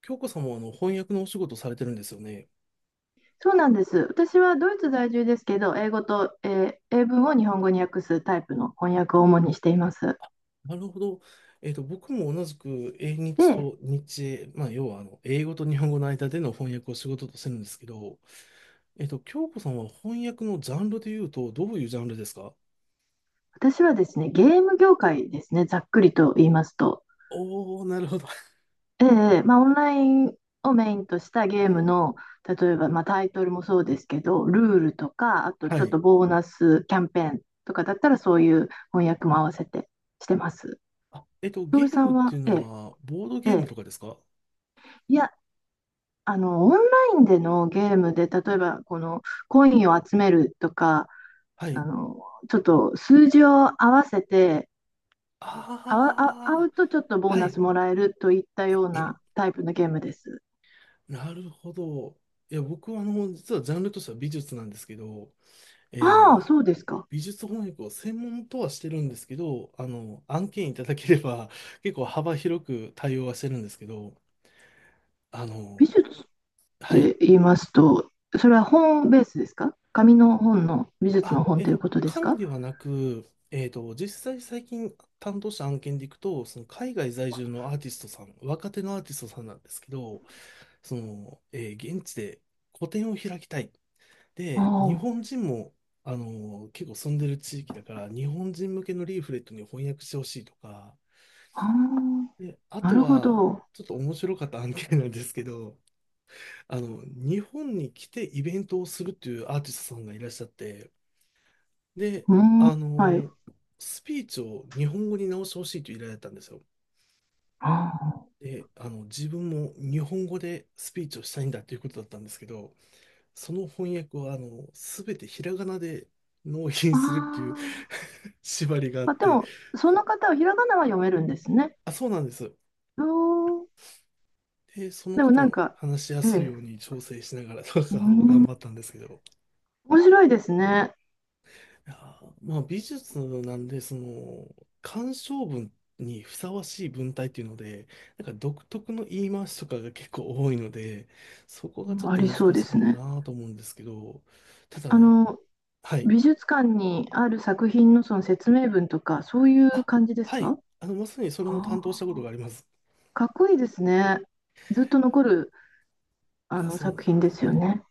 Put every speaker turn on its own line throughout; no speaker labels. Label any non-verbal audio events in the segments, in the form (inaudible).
京子さんもあの翻訳のお仕事されてるんですよね。
そうなんです。私はドイツ在住ですけど、英語と、英文を日本語に訳すタイプの翻訳を主にしています。
なるほど。僕も同じく英日
で、
と日英、まあ、要はあの英語と日本語の間での翻訳を仕事としてるんですけど、京子さんは翻訳のジャンルで言うと、どういうジャンルですか？
私はですね、ゲーム業界ですね、ざっくりと言いますと。
おおー、なるほど。(laughs)
ええ、まあ、オンラインをメインとしたゲームの、例えば、まあ、タイトルもそうですけど、ルールとか、あと
は
ちょっと
い。
ボーナスキャンペーンとかだったら、そういう翻訳も合わせてしてます。
あ、
トー
ゲ
ル
ー
さん
ムってい
は、
うのは、ボード
え
ゲームと
え
かですか？
いや、オンラインでのゲームで、例えば、この、コインを集めるとか、
は
あ
い。
の、ちょっと数字を合わせて、あわ、あ、合
ああ、
うとちょっとボー
は
ナ
い。
スもらえるといったようなタイプのゲームです。
なるほど。いや、僕はあの、実はジャンルとしては美術なんですけど、
ああ、
え
そうですか。
美術翻訳を専門とはしてるんですけど、あの、案件いただければ (laughs) 結構幅広く対応はしてるんですけど、あ
美
の、
術っ
はい。
て言いますと、それは本ベースですか？紙の本の、美術の
あ、
本ということです
紙
か？
ではなく、実際最近担当した案件でいくと、その海外在住のアーティストさん、若手のアーティストさんなんですけど、その、現地で個展を開きたい。
あ
で、日本
あ、
人も、あの、結構住んでる地域だから、日本人向けのリーフレットに翻訳してほしいとか、
あ
で、あ
あ、な
と
るほ
は、
ど。
ちょっと面白かった案件なんですけど、(laughs) あの、日本に来てイベントをするっていうアーティストさんがいらっしゃって、で、
うー
あ
ん、はい。
の、スピーチを日本語に直してほしいという依頼だったんですよ。
ああ、
で、あの、自分も日本語でスピーチをしたいんだということだったんですけど、その翻訳を、あの、すべてひらがなで納品するっていう
ああ、
(laughs) 縛りがあっ
まあ、で
て、
も、その方はひらがなは読めるんですね。
あ、そうなんです。
あー、
で、その
でも
方
なん
も
か、
話しや
え
すい
え、
ように調整しながらと
う
かを頑
ん、
張ったんですけど、
面白いですね。
いやー、まあ美術なんで、その、鑑賞文にふさわしい文体っていうので、なんか独特の言い回しとかが結構多いので、そこがちょっ
あ
と
り
難
そうで
しい
す
か
ね。
なと思うんですけど、ただ
あ
ね、
の、
はい。
美術館にある作品のその説明文とか、そういう
あ、
感じです
はい。
か？
あの、まさにそれも
あ
担当した
ー、
ことがあります。
かっこいいですね。ずっと残る
い
あ
や、
の
そうな
作
ん
品
で
で
すよ
すよ
ね。
ね。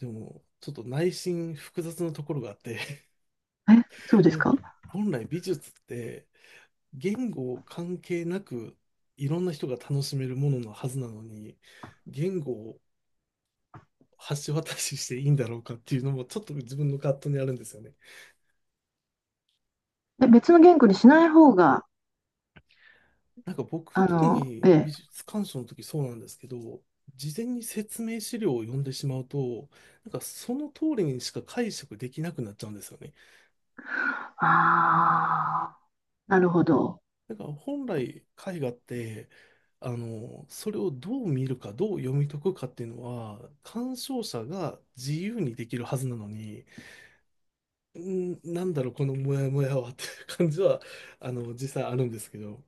でも、ちょっと内心複雑なところがあって、
え、そう
(laughs)
です
なん
か？
か、本来美術って、言語関係なくいろんな人が楽しめるもののはずなのに、言語を橋渡ししていいんだろうかっていうのもちょっと自分の葛藤にあるんですよね。
え、別の言語にしない方が、
なんか僕、特
え
に美
え、
術鑑賞の時そうなんですけど、事前に説明資料を読んでしまうと、なんかその通りにしか解釈できなくなっちゃうんですよね。
ああ、なるほど。
なんか本来絵画って、あの、それをどう見るか、どう読み解くかっていうのは、鑑賞者が自由にできるはずなのに、うんなんだろう、このモヤモヤはっていう感じは、あの、実際あるんですけど。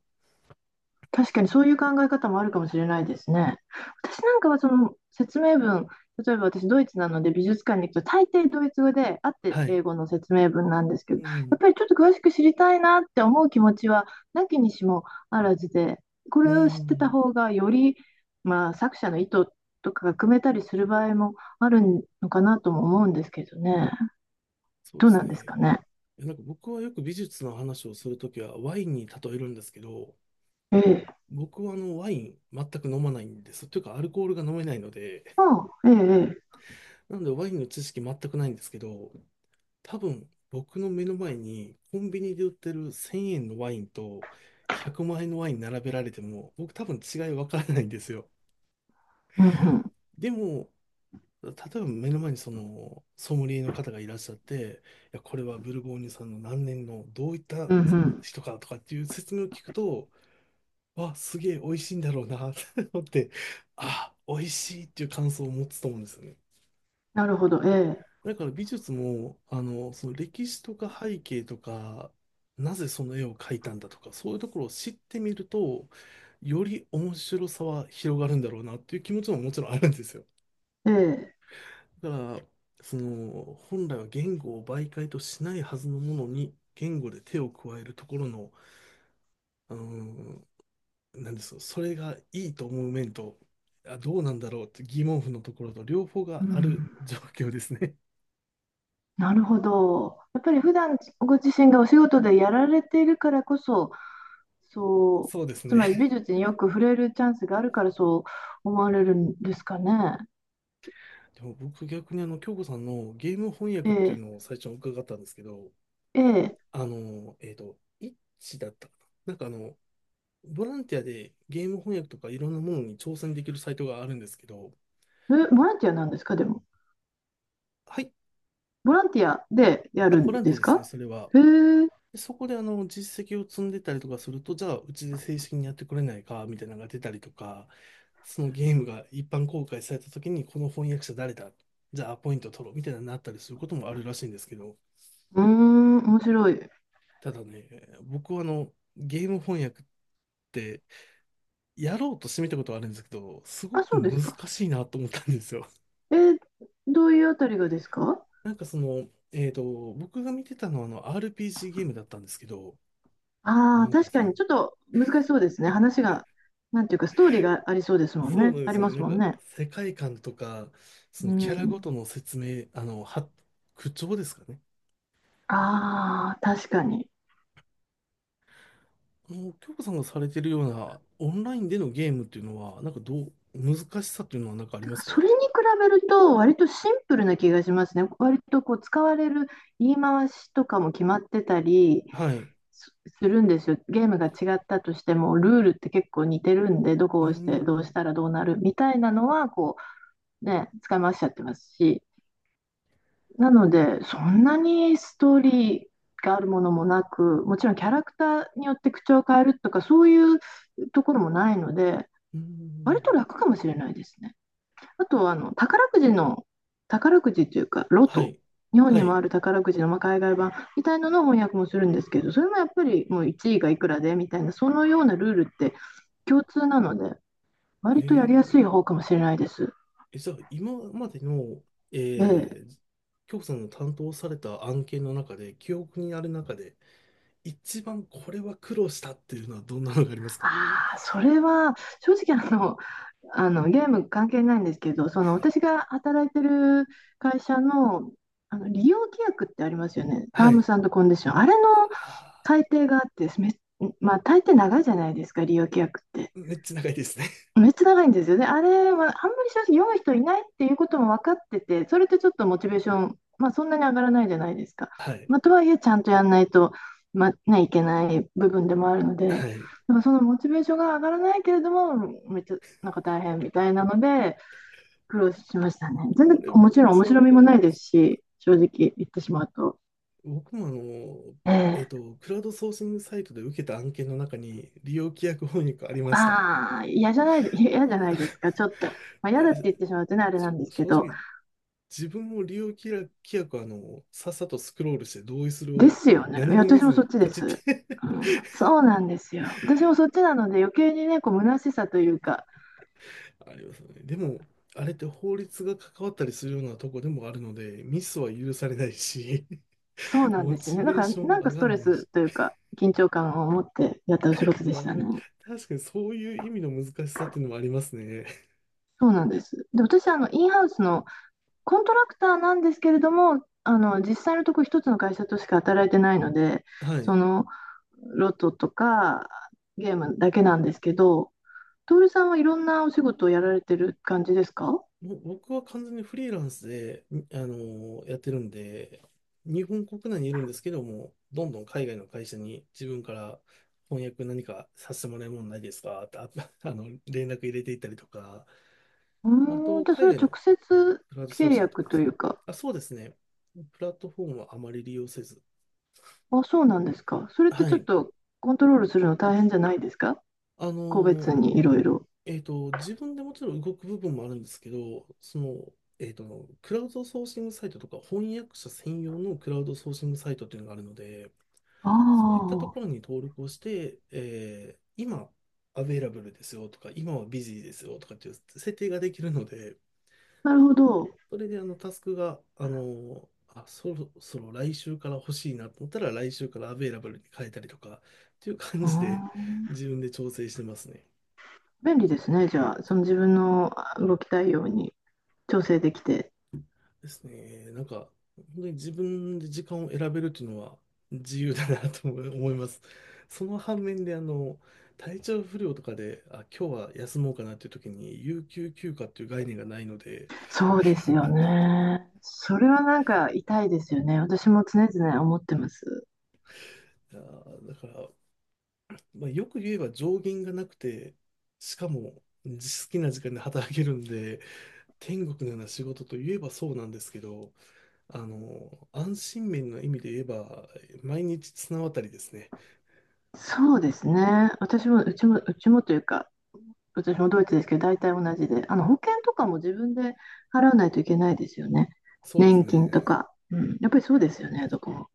確かにそういう考え方もあるかもしれないですね。私なんかはその説明文、例えば私ドイツなので美術館に行くと大抵ドイツ語であって
はい。
英語の説明文なんですけ
う
ど、やっ
ん。
ぱりちょっと詳しく知りたいなって思う気持ちはなきにしもあらずで、こ
う
れを知ってた
ん。
方がより、まあ、作者の意図とかが組めたりする場合もあるのかなとも思うんですけどね。
そうで
どう
す
なんです
ね。
かね。
なんか僕はよく美術の話をするときはワインに例えるんですけど、
ええ。
僕はあのワイン全く飲まないんです。というかアルコールが飲めないので、
ああ、ええ、ええ。
なのでワインの知識全くないんですけど、多分僕の目の前にコンビニで売ってる1000円のワインと100万円のワイン並べられても、僕多分違い分からないんですよ。
うんうん。
でも、例えば目の前にそのソムリエの方がいらっしゃって、いや、これはブルゴーニュさんの何年のどういった
うんうん。
人かとかっていう説明を聞くと、わ、すげえ美味しいんだろうなって (laughs) 思って、あ、美味しいっていう感想を持つと思うんですよね。
なるほど。え
だから美術も、あの、その歴史とか背景とか、なぜその絵を描いたんだとか、そういうところを知ってみると、より面白さは広がるんだろうなっていう気持ちももちろんあるんですよ。
え。ええ。
だから、その、本来は言語を媒介としないはずのものに、言語で手を加えるところの、うーん、なんですか、それがいいと思う面と、あ、どうなんだろうって疑問符のところと両方
う
がある
ん、
状況ですね。
なるほど。やっぱり普段ご自身がお仕事でやられているからこそ、
(laughs)
そ
そうで
う、
す
つまり
ね。
美術によく触れるチャンスがあるからそう思われるんですかね。
(laughs) でも僕逆にあの、京子さんのゲーム翻
え
訳っていう
え、
のを最初に伺ったんですけど、
ええ、え、
あの、イッチだったかな。なんかあの、ボランティアでゲーム翻訳とかいろんなものに挑戦できるサイトがあるんですけど、
ボランティアなんですか、でも。
入
ボランティアでや
あ、
る
ボ
ん
ランテ
で
ィア
す
ですね、
か？
それは。
へえ、う
でそこであの実績を積んでたりとかすると、じゃあうちで正式にやってくれないかみたいなのが出たりとか、そのゲームが一般公開された時に、この翻訳者誰だ？じゃあアポイント取ろうみたいなのになったりすることもあるらしいんですけど、
ーん、面白い。
ただね、僕はあのゲーム翻訳ってやろうとしてみたことはあるんですけど、すご
あ、
く
そうです
難
か。
しいなと思ったんですよ。
えーどういうあたりがですか？
(laughs) なんかその、僕が見てたのはあの RPG ゲームだったんですけど、な
ああー、
んか
確か
その
にちょっと難しそうですね。話が、なんていうか、ストーリーがありそうですもん
そう
ね。
なんで
あり
すよ
ま
ね。な
す
ん
もん
か、
ね。
世界観とか、そ
う
のキャラ
ん、
ごとの説明、あの、口調ですかね。
ああ、確かに。
あの、京子さんがされてるようなオンラインでのゲームっていうのは、なんかどう、難しさっていうのはなんかあり
だ
ま
か
す
らそ
か？
れに比べると、割とシンプルな気がしますね。割とこう使われる言い回しとかも決まってたり
はい。
すするんですよ。ゲームが違ったとしても、ルールって結構似てるんで、どこを
うー
押してどうし
ん。
たらどうなるみたいなのは、ね、使い回しちゃってますし。なので、そんなにストーリーがあるものもなく、もちろんキャラクターによって口調を変えるとか、そういうところもないので、
うー
割と
ん。
楽かもしれないですね。あとはあの宝くじの、宝くじというかロ
は
ト、
い。
日本
は
にも
い。
ある宝くじの、まあ、海外版みたいなのを翻訳もするんですけど、それもやっぱり、もう1位がいくらでみたいなそのようなルールって共通なので、
え
割とやりやすい
ー、
方かもしれないです。
え、じゃあ、今までの、え
ええ、
ー、京子さんの担当された案件の中で、記憶にある中で、一番これは苦労したっていうのはどんなのがありますか？
ああそれは正直ゲーム関係ないんですけど、その私が働いてる会社の、あの利用規約ってありますよね、タ
は
ームス
い。
コンディション、あれの
あー
改定があってです、まあ、大抵長いじゃないですか、利用規約って。
めっちゃ長いですね。(laughs)
めっちゃ長いんですよね。あれは、あんまり正直読む人いないっていうことも分かってて、それってちょっとモチベーション、まあ、そんなに上がらないじゃないですか。
はい。
まあ、とはいえ、ちゃんとやんないと、まあ、ね、いけない部分でもあるので、だ
は
か
い。
らそのモチベーションが上がらないけれども、めっちゃなんか大変みたいなので、苦労しましたね。全然、
これめ
も
っ
ちろん面
ちゃ
白
わ
み
か
も
り
な
ま
いで
す。
すし、正直言ってしまうと。
僕もあの、
ええ、
クラウドソーシングサイトで受けた案件の中に利用規約翻訳ありました。
ああ、嫌じゃないです
(laughs)
か。ちょっと、まあ、
あ
嫌だっ
れ、
て言ってしまうとね、あれなんですけ
正
ど、
直、自分も利用規約、規約はあの、さっさとスクロールして同意する
で
を
すよね。い
何
や、
も見
私
ず
もそ
に
っち
ポ
で
チっ
す。
て
う
(laughs)
ん、そうなんですよ。私もそっちなので、余計にね、虚しさというか、
ありますよね。でも、あれって法律が関わったりするようなとこでもあるので、ミスは許されないし、
そう
(laughs)
なん
モ
ですよ
チ
ね。だ
ベー
から、
ションも
なんか
上
ス
が
ト
ん
レ
ない
ス
し、
というか、緊張感を持ってやったお仕事で
な、
したね。
確かにそういう意味の難しさっていうのもありますね。
そうなんです。で、私、インハウスのコントラクターなんですけれども、実際のとこ一つの会社としか働いてないので、
(laughs) はい。
その、ロトとか、ゲームだけなんですけど、トールさんはいろんなお仕事をやられてる感じですか？
もう僕は完全にフリーランスで、にあのーやってるんで、日本国内にいるんですけども、どんどん海外の会社に自分から翻訳何かさせてもらえるもんないですかって、あ、(laughs) あの、連絡入れていったりとか、あ
うーん、
と、
じゃあそ
海
れは
外
直
の
接
クラウドソー
契
シングと
約
かで
と
す
い
ね。
うか、
あ、そうですね。プラットフォームはあまり利用せず。
あ、そうなんですか。それって
は
ちょっ
い。
とコントロールするの大変じゃないですか、
あの
個別
ー
にいろいろ。
自分でもちろん動く部分もあるんですけど、その、クラウドソーシングサイトとか翻訳者専用のクラウドソーシングサイトっていうのがあるので、そういった
あ
ところに登録をして、今、アベイラブルですよとか、今はビジーですよとかっていう設定ができるので、
あ、なるほど。う
それであのタスクが、あ、そろそろ来週から欲しいなと思ったら、来週からアベイラブルに変えたりとかっていう感
ー
じで、
ん、
自分で調整してますね。
便利ですね。じゃあ、その自分の動きたいように調整できて。
ですね。なんか、本当に自分で時間を選べるっていうのは自由だなと思い思います。その反面で、あの、体調不良とかで、あ、今日は休もうかなっていう時に、有給休暇っていう概念がないので、
そうですよね。それはなんか痛いですよね。私も常々思ってます。
あー、だから、まあ、よく言えば上限がなくて、しかも好きな時間で働けるんで、天国のような仕事といえばそうなんですけど、あの、安心面の意味で言えば、毎日綱渡りですね。
そうですね。私も、うちもというか、私もドイツですけど、大体同じで、あの保険とかも自分で払わないといけないですよね。
そうです
年金と
ね。
か。うん、やっぱりそうですよね、どこも。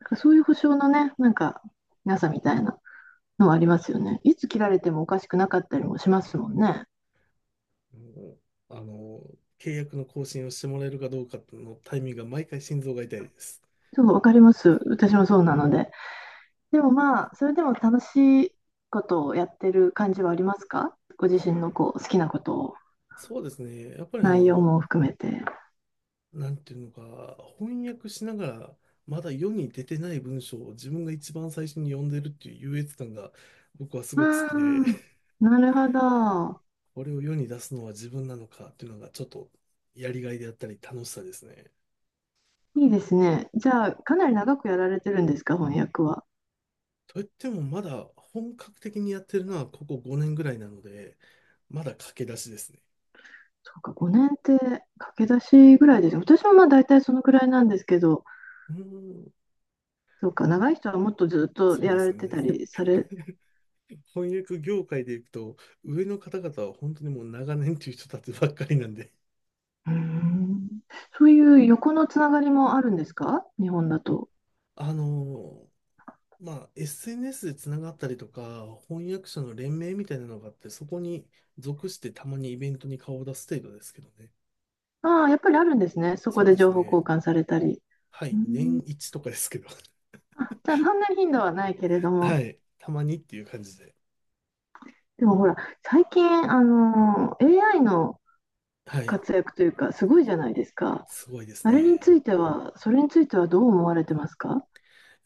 だからそういう保証のね、なんか、なさみたいなのはありますよね。いつ切られてもおかしくなかったりもしますもんね。
もう、あの、契約の更新をしてもらえるかどうかのタイミングが毎回心臓が痛いです。
そう、わかります。私もそうなので。でもまあ、それでも楽しいことをやってる感じはありますか？ご自身のこう好きなことを、
そうですね。やっぱりあ
内容
の、
も含めて。
なんていうのか、翻訳しながら、まだ世に出てない文章を自分が一番最初に読んでるっていう優越感が僕はすごく好きで、
うん、
(laughs)
なるほど。
これを世に出すのは自分なのかっていうのがちょっとやりがいであったり楽しさですね。
いいですね。じゃあ、かなり長くやられてるんですか、翻訳は。
といってもまだ本格的にやってるのはここ5年ぐらいなので、まだ駆け出しですね。
そうか、5年って駆け出しぐらいですね。私もまあ大体そのくらいなんですけど、
うーん
そうか、長い人はもっとずっと
そうな
や
んで
ら
す
れ
よ
てた
ね。
りされ、う
(laughs) 翻訳業界でいくと、上の方々は本当にもう長年という人たちばっかりなんで、
ーん、そういう横のつながりもあるんですか、日本だと。
あのまあ、SNS でつながったりとか、翻訳者の連盟みたいなのがあって、そこに属してたまにイベントに顔を出す程度ですけどね。
ああ、やっぱりあるんですね。そこ
そう
で
です
情報交
ね。
換されたり。
は
う
い、
ー
年
ん、
一とかですけど。(laughs)
あ、じゃあ、そんなに頻度はないけれど
は
も、
い、たまにっていう感じで。
でもほら、最近、AI の
はい、
活躍というか、すごいじゃないですか。
すごいです
あれにつ
ね。
いては、それについてはどう思われてますか？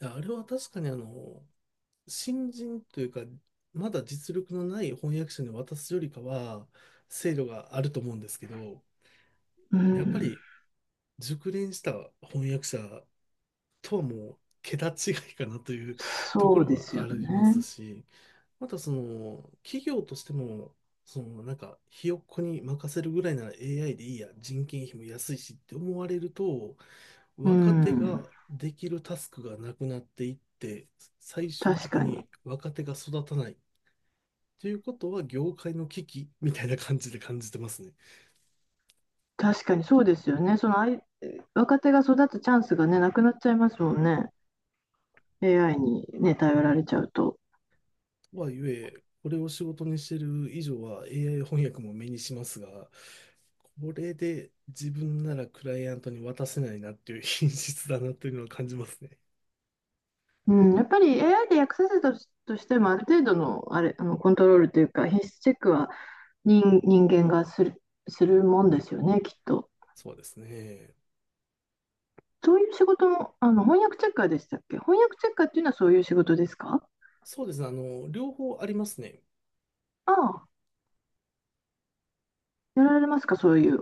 いやあれは確かにあの、新人というか、まだ実力のない翻訳者に渡すよりかは、精度があると思うんですけど、
う
やっぱ
ん、
り熟練した翻訳者とはもう桁違いかなというとこ
そう
ろ
です
は
よ
あります
ね。
し、またその企業としても、そのなんかひよっこに任せるぐらいなら AI でいいや、人件費も安いしって思われると、
う
若手
ん、
ができるタスクがなくなっていって、最終
確
的
かに。
に若手が育たないということは、業界の危機みたいな感じで感じてますね。
確かにそうですよね。そのあい若手が育つチャンスがね、なくなっちゃいますもんね。AI にね、頼られちゃうと。
とはいえ、これを仕事にしてる以上は AI 翻訳も目にしますが、これで自分ならクライアントに渡せないなっていう (laughs) 品質だなというのは感じますね。
うん、やっぱり AI で訳させたとしても、ある程度の、あれ、あのコントロールというか、品質チェックは人間がするもんですよね、きっと。
そうですね。
そういう仕事も、あの翻訳チェッカーでしたっけ？翻訳チェッカーっていうのはそういう仕事ですか？
そうですね。あの、両方ありますね。
ああ、やられますか、そういう